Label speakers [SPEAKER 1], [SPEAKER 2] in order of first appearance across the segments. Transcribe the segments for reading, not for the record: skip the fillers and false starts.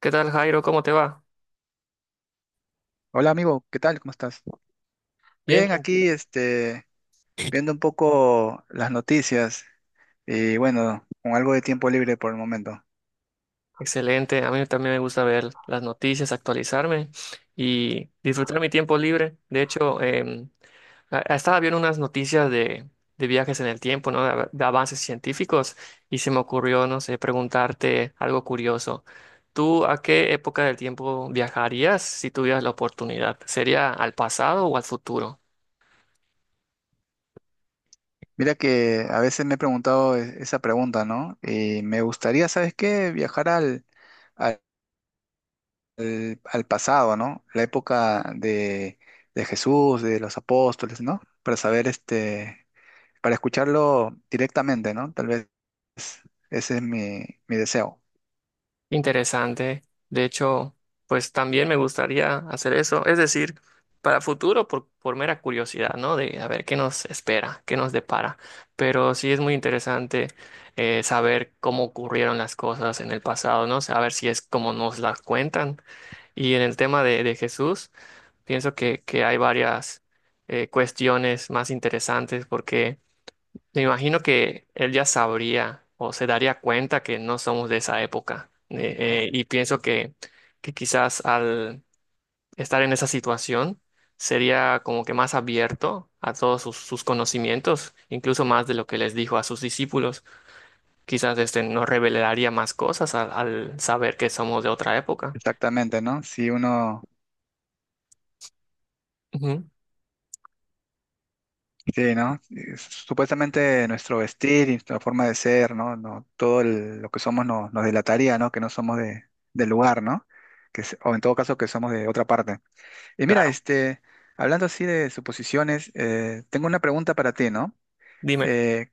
[SPEAKER 1] ¿Qué tal, Jairo? ¿Cómo te va?
[SPEAKER 2] Hola amigo, ¿qué tal? ¿Cómo estás?
[SPEAKER 1] Bien,
[SPEAKER 2] Bien,
[SPEAKER 1] tranquilo.
[SPEAKER 2] aquí viendo un poco las noticias y bueno, con algo de tiempo libre por el momento.
[SPEAKER 1] Excelente. A mí también me gusta ver las noticias, actualizarme y disfrutar mi tiempo libre. De hecho, estaba viendo unas noticias de viajes en el tiempo, ¿no? De avances científicos y se me ocurrió, no sé, preguntarte algo curioso. ¿Tú a qué época del tiempo viajarías si tuvieras la oportunidad? ¿Sería al pasado o al futuro?
[SPEAKER 2] Mira que a veces me he preguntado esa pregunta, ¿no? Y me gustaría, ¿sabes qué? Viajar al, al pasado, ¿no? La época de Jesús, de los apóstoles, ¿no? Para saber, para escucharlo directamente, ¿no? Tal vez ese es mi deseo.
[SPEAKER 1] Interesante. De hecho, pues también me gustaría hacer eso. Es decir, para futuro, por mera curiosidad, ¿no? De a ver qué nos espera, qué nos depara. Pero sí es muy interesante saber cómo ocurrieron las cosas en el pasado, ¿no? Saber si es como nos las cuentan. Y en el tema de Jesús, pienso que hay varias cuestiones más interesantes porque me imagino que él ya sabría o se daría cuenta que no somos de esa época. Y pienso que quizás al estar en esa situación sería como que más abierto a todos sus conocimientos, incluso más de lo que les dijo a sus discípulos. Quizás este nos revelaría más cosas al saber que somos de otra época.
[SPEAKER 2] Exactamente, ¿no? Si uno...
[SPEAKER 1] Ujú,
[SPEAKER 2] Sí, ¿no? Supuestamente nuestro vestir y nuestra forma de ser, ¿no? No, lo que somos nos delataría, ¿no? Que no somos del lugar, ¿no? Que, o en todo caso que somos de otra parte. Y mira,
[SPEAKER 1] claro,
[SPEAKER 2] hablando así de suposiciones, tengo una pregunta para ti, ¿no?
[SPEAKER 1] dime.
[SPEAKER 2] Eh,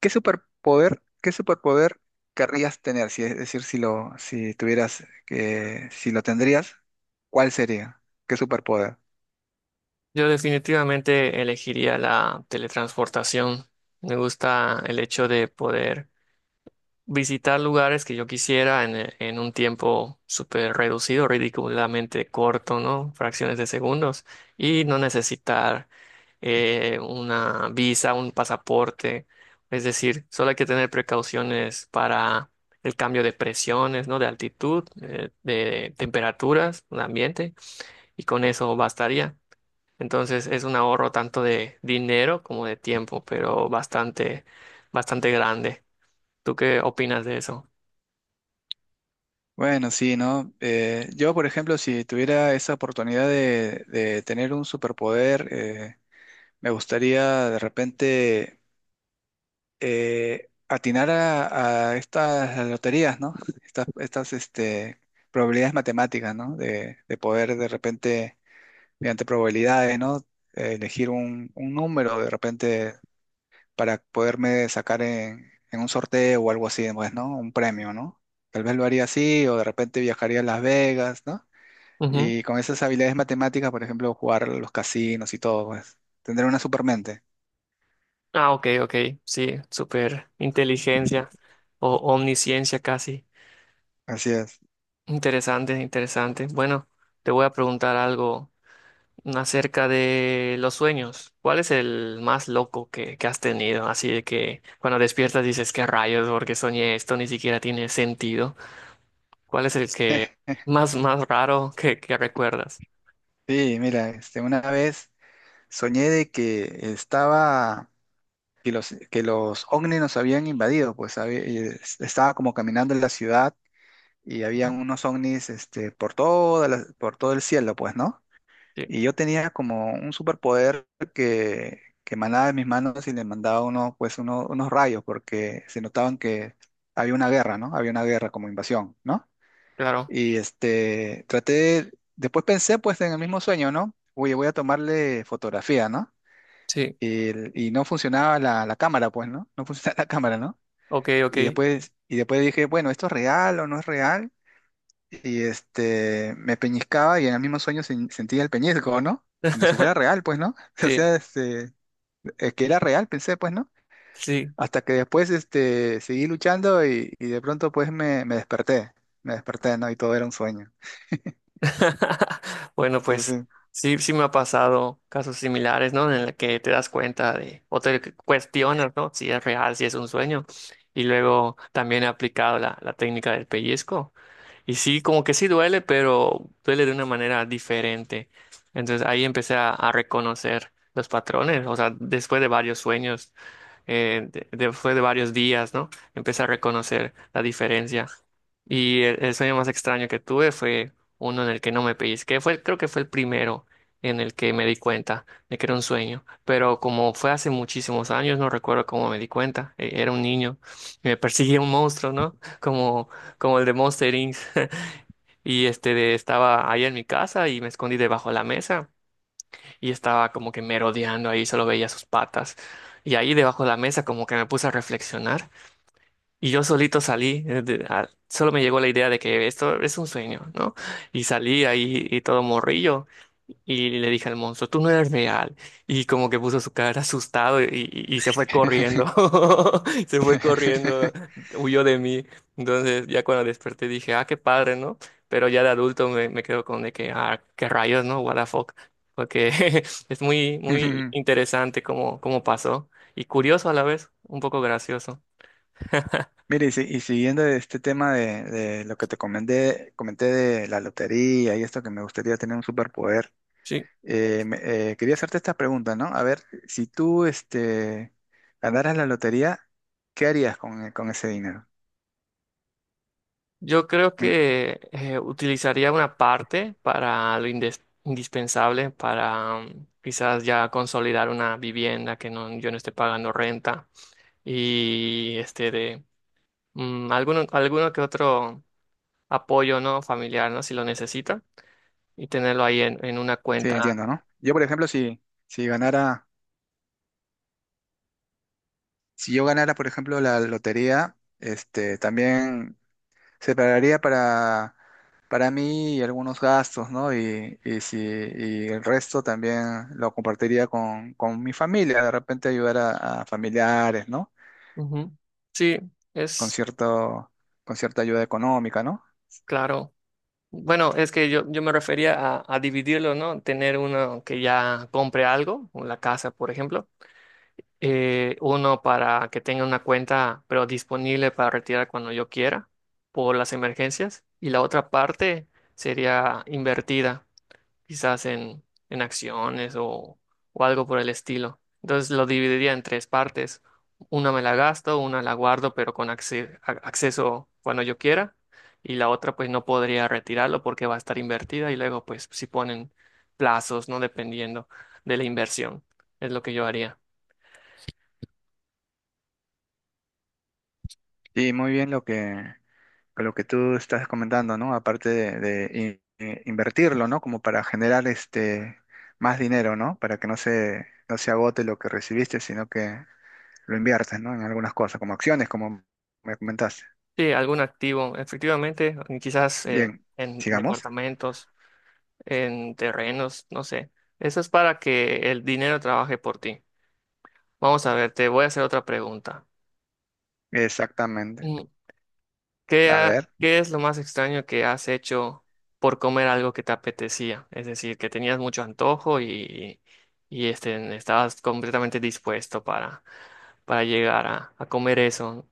[SPEAKER 2] qué superpoder querrías tener? Si, es decir, si tuvieras que, si lo tendrías, ¿cuál sería? ¿Qué superpoder?
[SPEAKER 1] Yo definitivamente elegiría la teletransportación. Me gusta el hecho de poder visitar lugares que yo quisiera en un tiempo súper reducido, ridículamente corto, ¿no? Fracciones de segundos, y no necesitar una visa, un pasaporte. Es decir, solo hay que tener precauciones para el cambio de presiones, ¿no? De altitud, de temperaturas, un ambiente, y con eso bastaría. Entonces es un ahorro tanto de dinero como de tiempo, pero bastante grande. ¿Tú qué opinas de eso?
[SPEAKER 2] Bueno, sí, ¿no? Yo, por ejemplo, si tuviera esa oportunidad de tener un superpoder, me gustaría de repente atinar a estas loterías, ¿no? Estas, estas este, probabilidades matemáticas, ¿no? De poder de repente, mediante probabilidades, ¿no? Elegir un número de repente para poderme sacar en un sorteo o algo así, pues, ¿no? Un premio, ¿no? Tal vez lo haría así, o de repente viajaría a Las Vegas, ¿no?
[SPEAKER 1] Ujú.
[SPEAKER 2] Y con esas habilidades matemáticas, por ejemplo, jugar a los casinos y todo, pues, tendré una supermente.
[SPEAKER 1] Ah, ok, ok. Sí, súper inteligencia o omnisciencia casi.
[SPEAKER 2] Así es.
[SPEAKER 1] Interesante, interesante. Bueno, te voy a preguntar algo acerca de los sueños. ¿Cuál es el más loco que has tenido? Así de que cuando despiertas dices, ¿qué rayos? Porque soñé esto, ni siquiera tiene sentido. ¿Cuál es el que más raro que recuerdas?
[SPEAKER 2] Sí, mira, una vez soñé de que estaba, que los ovnis nos habían invadido, pues estaba como caminando en la ciudad y había
[SPEAKER 1] Ujú.
[SPEAKER 2] unos ovnis, por por todo el cielo, pues, ¿no?
[SPEAKER 1] Sí,
[SPEAKER 2] Y yo tenía como un superpoder que emanaba de mis manos y le mandaba unos, pues, unos rayos, porque se notaban que había una guerra, ¿no? Había una guerra como invasión, ¿no?
[SPEAKER 1] claro.
[SPEAKER 2] Y traté, después pensé, pues, en el mismo sueño, ¿no? Oye, voy a tomarle fotografía, ¿no?
[SPEAKER 1] Sí,
[SPEAKER 2] Y, y no funcionaba la cámara, pues, ¿no? No funcionaba la cámara, ¿no?
[SPEAKER 1] ok, ok.
[SPEAKER 2] Y después dije, bueno, ¿esto es real o no es real? Y me peñiscaba y en el mismo sueño sentía el peñisco, ¿no? Como si fuera real, pues, ¿no? O
[SPEAKER 1] Sí,
[SPEAKER 2] sea, que era real, pensé, pues, ¿no?
[SPEAKER 1] sí.
[SPEAKER 2] Hasta que después, seguí luchando y de pronto, pues, me desperté, ¿no? Y todo era un sueño.
[SPEAKER 1] Bueno,
[SPEAKER 2] No
[SPEAKER 1] pues
[SPEAKER 2] sé.
[SPEAKER 1] sí, sí me ha pasado casos similares, ¿no? En el que te das cuenta de, o te cuestionas, ¿no? Si es real, si es un sueño. Y luego también he aplicado la técnica del pellizco. Y sí, como que sí duele, pero duele de una manera diferente. Entonces ahí empecé a reconocer los patrones, o sea, después de varios sueños después de varios días, ¿no? Empecé a reconocer la diferencia. Y el sueño más extraño que tuve fue uno en el que no me pellizqué. Fue, creo que fue el primero en el que me di cuenta de que era un sueño. Pero como fue hace muchísimos años, no recuerdo cómo me di cuenta. Era un niño y me perseguía un monstruo, ¿no? Como, como el de Monster Inc. Y este estaba ahí en mi casa y me escondí debajo de la mesa y estaba como que merodeando ahí, solo veía sus patas. Y ahí debajo de la mesa como que me puse a reflexionar y yo solito salí, solo me llegó la idea de que esto es un sueño, ¿no? Y salí ahí y todo morrillo y le dije al monstruo, tú no eres real. Y como que puso su cara asustado y se fue corriendo, se fue corriendo, huyó de mí. Entonces ya cuando desperté dije, ah, qué padre, ¿no? Pero ya de adulto me quedo con de que, ah, qué rayos, ¿no? What the fuck. Porque es muy interesante cómo pasó y curioso a la vez, un poco gracioso.
[SPEAKER 2] Mire, y, y siguiendo este tema de lo que te comenté, comenté de la lotería y esto que me gustaría tener un superpoder.
[SPEAKER 1] Sí,
[SPEAKER 2] Eh, me- quería hacerte esta pregunta, ¿no? A ver, si tú ganaras la lotería, ¿qué harías con, con ese dinero?
[SPEAKER 1] yo creo
[SPEAKER 2] En-
[SPEAKER 1] que utilizaría una parte para lo indispensable, para mm, quizás ya consolidar una vivienda que no, yo no esté pagando renta y este de mm, alguno que otro apoyo no familiar, ¿no? Si lo necesita y tenerlo ahí en una
[SPEAKER 2] Sí,
[SPEAKER 1] cuenta.
[SPEAKER 2] entiendo, ¿no? Yo, por ejemplo, si ganara, si yo ganara, por ejemplo, la lotería, también separaría para mí y algunos gastos, ¿no? Y si, y el resto también lo compartiría con mi familia, de repente ayudar a familiares, ¿no?
[SPEAKER 1] Ujú. Sí,
[SPEAKER 2] Con
[SPEAKER 1] es
[SPEAKER 2] cierto, con cierta ayuda económica, ¿no?
[SPEAKER 1] claro. Bueno, es que yo me refería a dividirlo, ¿no? Tener uno que ya compre algo, la casa, por ejemplo uno para que tenga una cuenta, pero disponible para retirar cuando yo quiera por las emergencias, y la otra parte sería invertida, quizás en acciones o algo por el estilo. Entonces lo dividiría en tres partes. Una me la gasto, una la guardo, pero con acceso cuando yo quiera, y la otra pues no podría retirarlo porque va a estar invertida y luego pues si ponen plazos, ¿no? Dependiendo de la inversión, es lo que yo haría.
[SPEAKER 2] Sí, muy bien lo que tú estás comentando, ¿no? Aparte invertirlo, ¿no? Como para generar este más dinero, ¿no? Para que no se agote lo que recibiste, sino que lo inviertes, ¿no? En algunas cosas, como acciones, como me comentaste.
[SPEAKER 1] Sí, algún activo, efectivamente, y quizás
[SPEAKER 2] Bien,
[SPEAKER 1] en
[SPEAKER 2] sigamos.
[SPEAKER 1] departamentos, en terrenos, no sé. Eso es para que el dinero trabaje por ti. Vamos a ver, te voy a hacer otra pregunta.
[SPEAKER 2] Exactamente.
[SPEAKER 1] Mm, ¿Qué,
[SPEAKER 2] A
[SPEAKER 1] ha-
[SPEAKER 2] ver.
[SPEAKER 1] qué es lo más extraño que has hecho por comer algo que te apetecía? Es decir, que tenías mucho antojo y estabas completamente dispuesto para llegar a comer eso.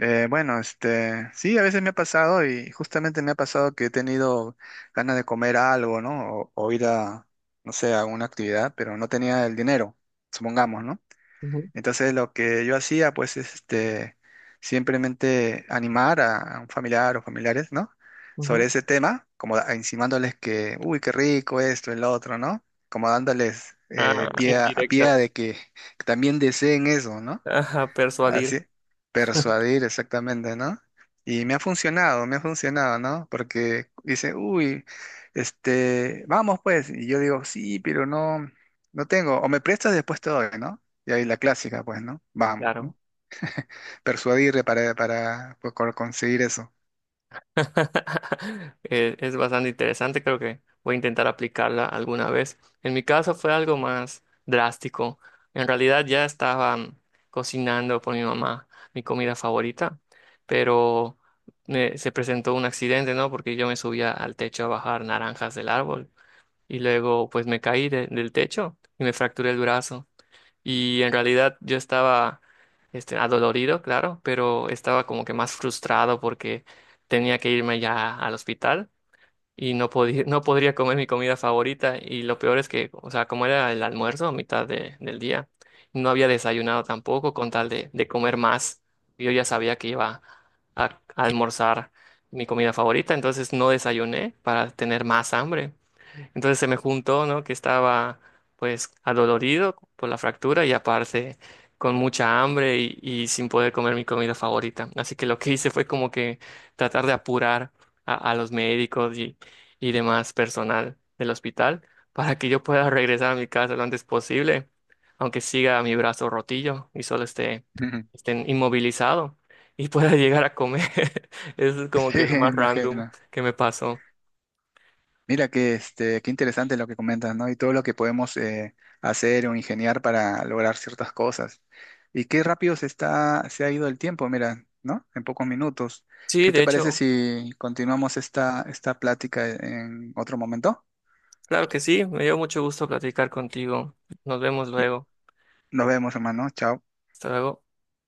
[SPEAKER 2] Bueno, sí, a veces me ha pasado y justamente me ha pasado que he tenido ganas de comer algo, ¿no? O ir a, no sé, a alguna actividad, pero no tenía el dinero, supongamos, ¿no?
[SPEAKER 1] Ujú,
[SPEAKER 2] Entonces lo que yo hacía pues es simplemente animar a un familiar o familiares, ¿no? Sobre
[SPEAKER 1] ujú.
[SPEAKER 2] ese tema, como insinuándoles que, uy, qué rico esto, el otro, ¿no? Como dándoles
[SPEAKER 1] Ah,
[SPEAKER 2] pie a pie
[SPEAKER 1] indirectas.
[SPEAKER 2] de que también deseen eso, ¿no?
[SPEAKER 1] Ajá, persuadir,
[SPEAKER 2] Así, persuadir exactamente, ¿no? Y me ha funcionado, ¿no? Porque dice, uy, vamos pues. Y yo digo, sí, pero no, no tengo. O me prestas después te doy, ¿no? Y ahí la clásica, pues, ¿no? Vamos, ¿no?
[SPEAKER 1] claro.
[SPEAKER 2] Persuadir para pues, conseguir eso.
[SPEAKER 1] Es bastante interesante, creo que voy a intentar aplicarla alguna vez. En mi caso fue algo más drástico. En realidad ya estaba mm, cocinando por mi mamá mi comida favorita, pero se presentó un accidente, ¿no? Porque yo me subía al techo a bajar naranjas del árbol y luego pues me caí del techo y me fracturé el brazo y en realidad yo estaba este, adolorido, claro, pero estaba como que más frustrado porque tenía que irme ya al hospital y no podía, no podría comer mi comida favorita y lo peor es que, o sea, como era el almuerzo a mitad del día, no había desayunado tampoco con tal de comer más. Yo ya sabía que iba a almorzar mi comida favorita, entonces no desayuné para tener más hambre. Entonces se me juntó, ¿no? Que estaba pues adolorido por la fractura y aparte con mucha hambre y sin poder comer mi comida favorita. Así que lo que hice fue como que tratar de apurar a los médicos y demás personal del hospital para que yo pueda regresar a mi casa lo antes posible, aunque siga mi brazo rotillo y solo
[SPEAKER 2] Ujú.
[SPEAKER 1] esté inmovilizado y pueda llegar a comer. Eso es como
[SPEAKER 2] Sí,
[SPEAKER 1] que lo más random
[SPEAKER 2] imagino.
[SPEAKER 1] que me pasó.
[SPEAKER 2] Mira que qué interesante lo que comentas, ¿no? Y todo lo que podemos hacer o ingeniar para lograr ciertas cosas. Y qué rápido se ha ido el tiempo, mira, ¿no? En pocos minutos.
[SPEAKER 1] Sí,
[SPEAKER 2] ¿Qué
[SPEAKER 1] de
[SPEAKER 2] te parece
[SPEAKER 1] hecho.
[SPEAKER 2] si continuamos esta plática en otro momento?
[SPEAKER 1] Claro que sí, me dio mucho gusto platicar contigo. Nos vemos
[SPEAKER 2] Y
[SPEAKER 1] luego.
[SPEAKER 2] nos vemos, hermano. Chao.
[SPEAKER 1] Hasta luego.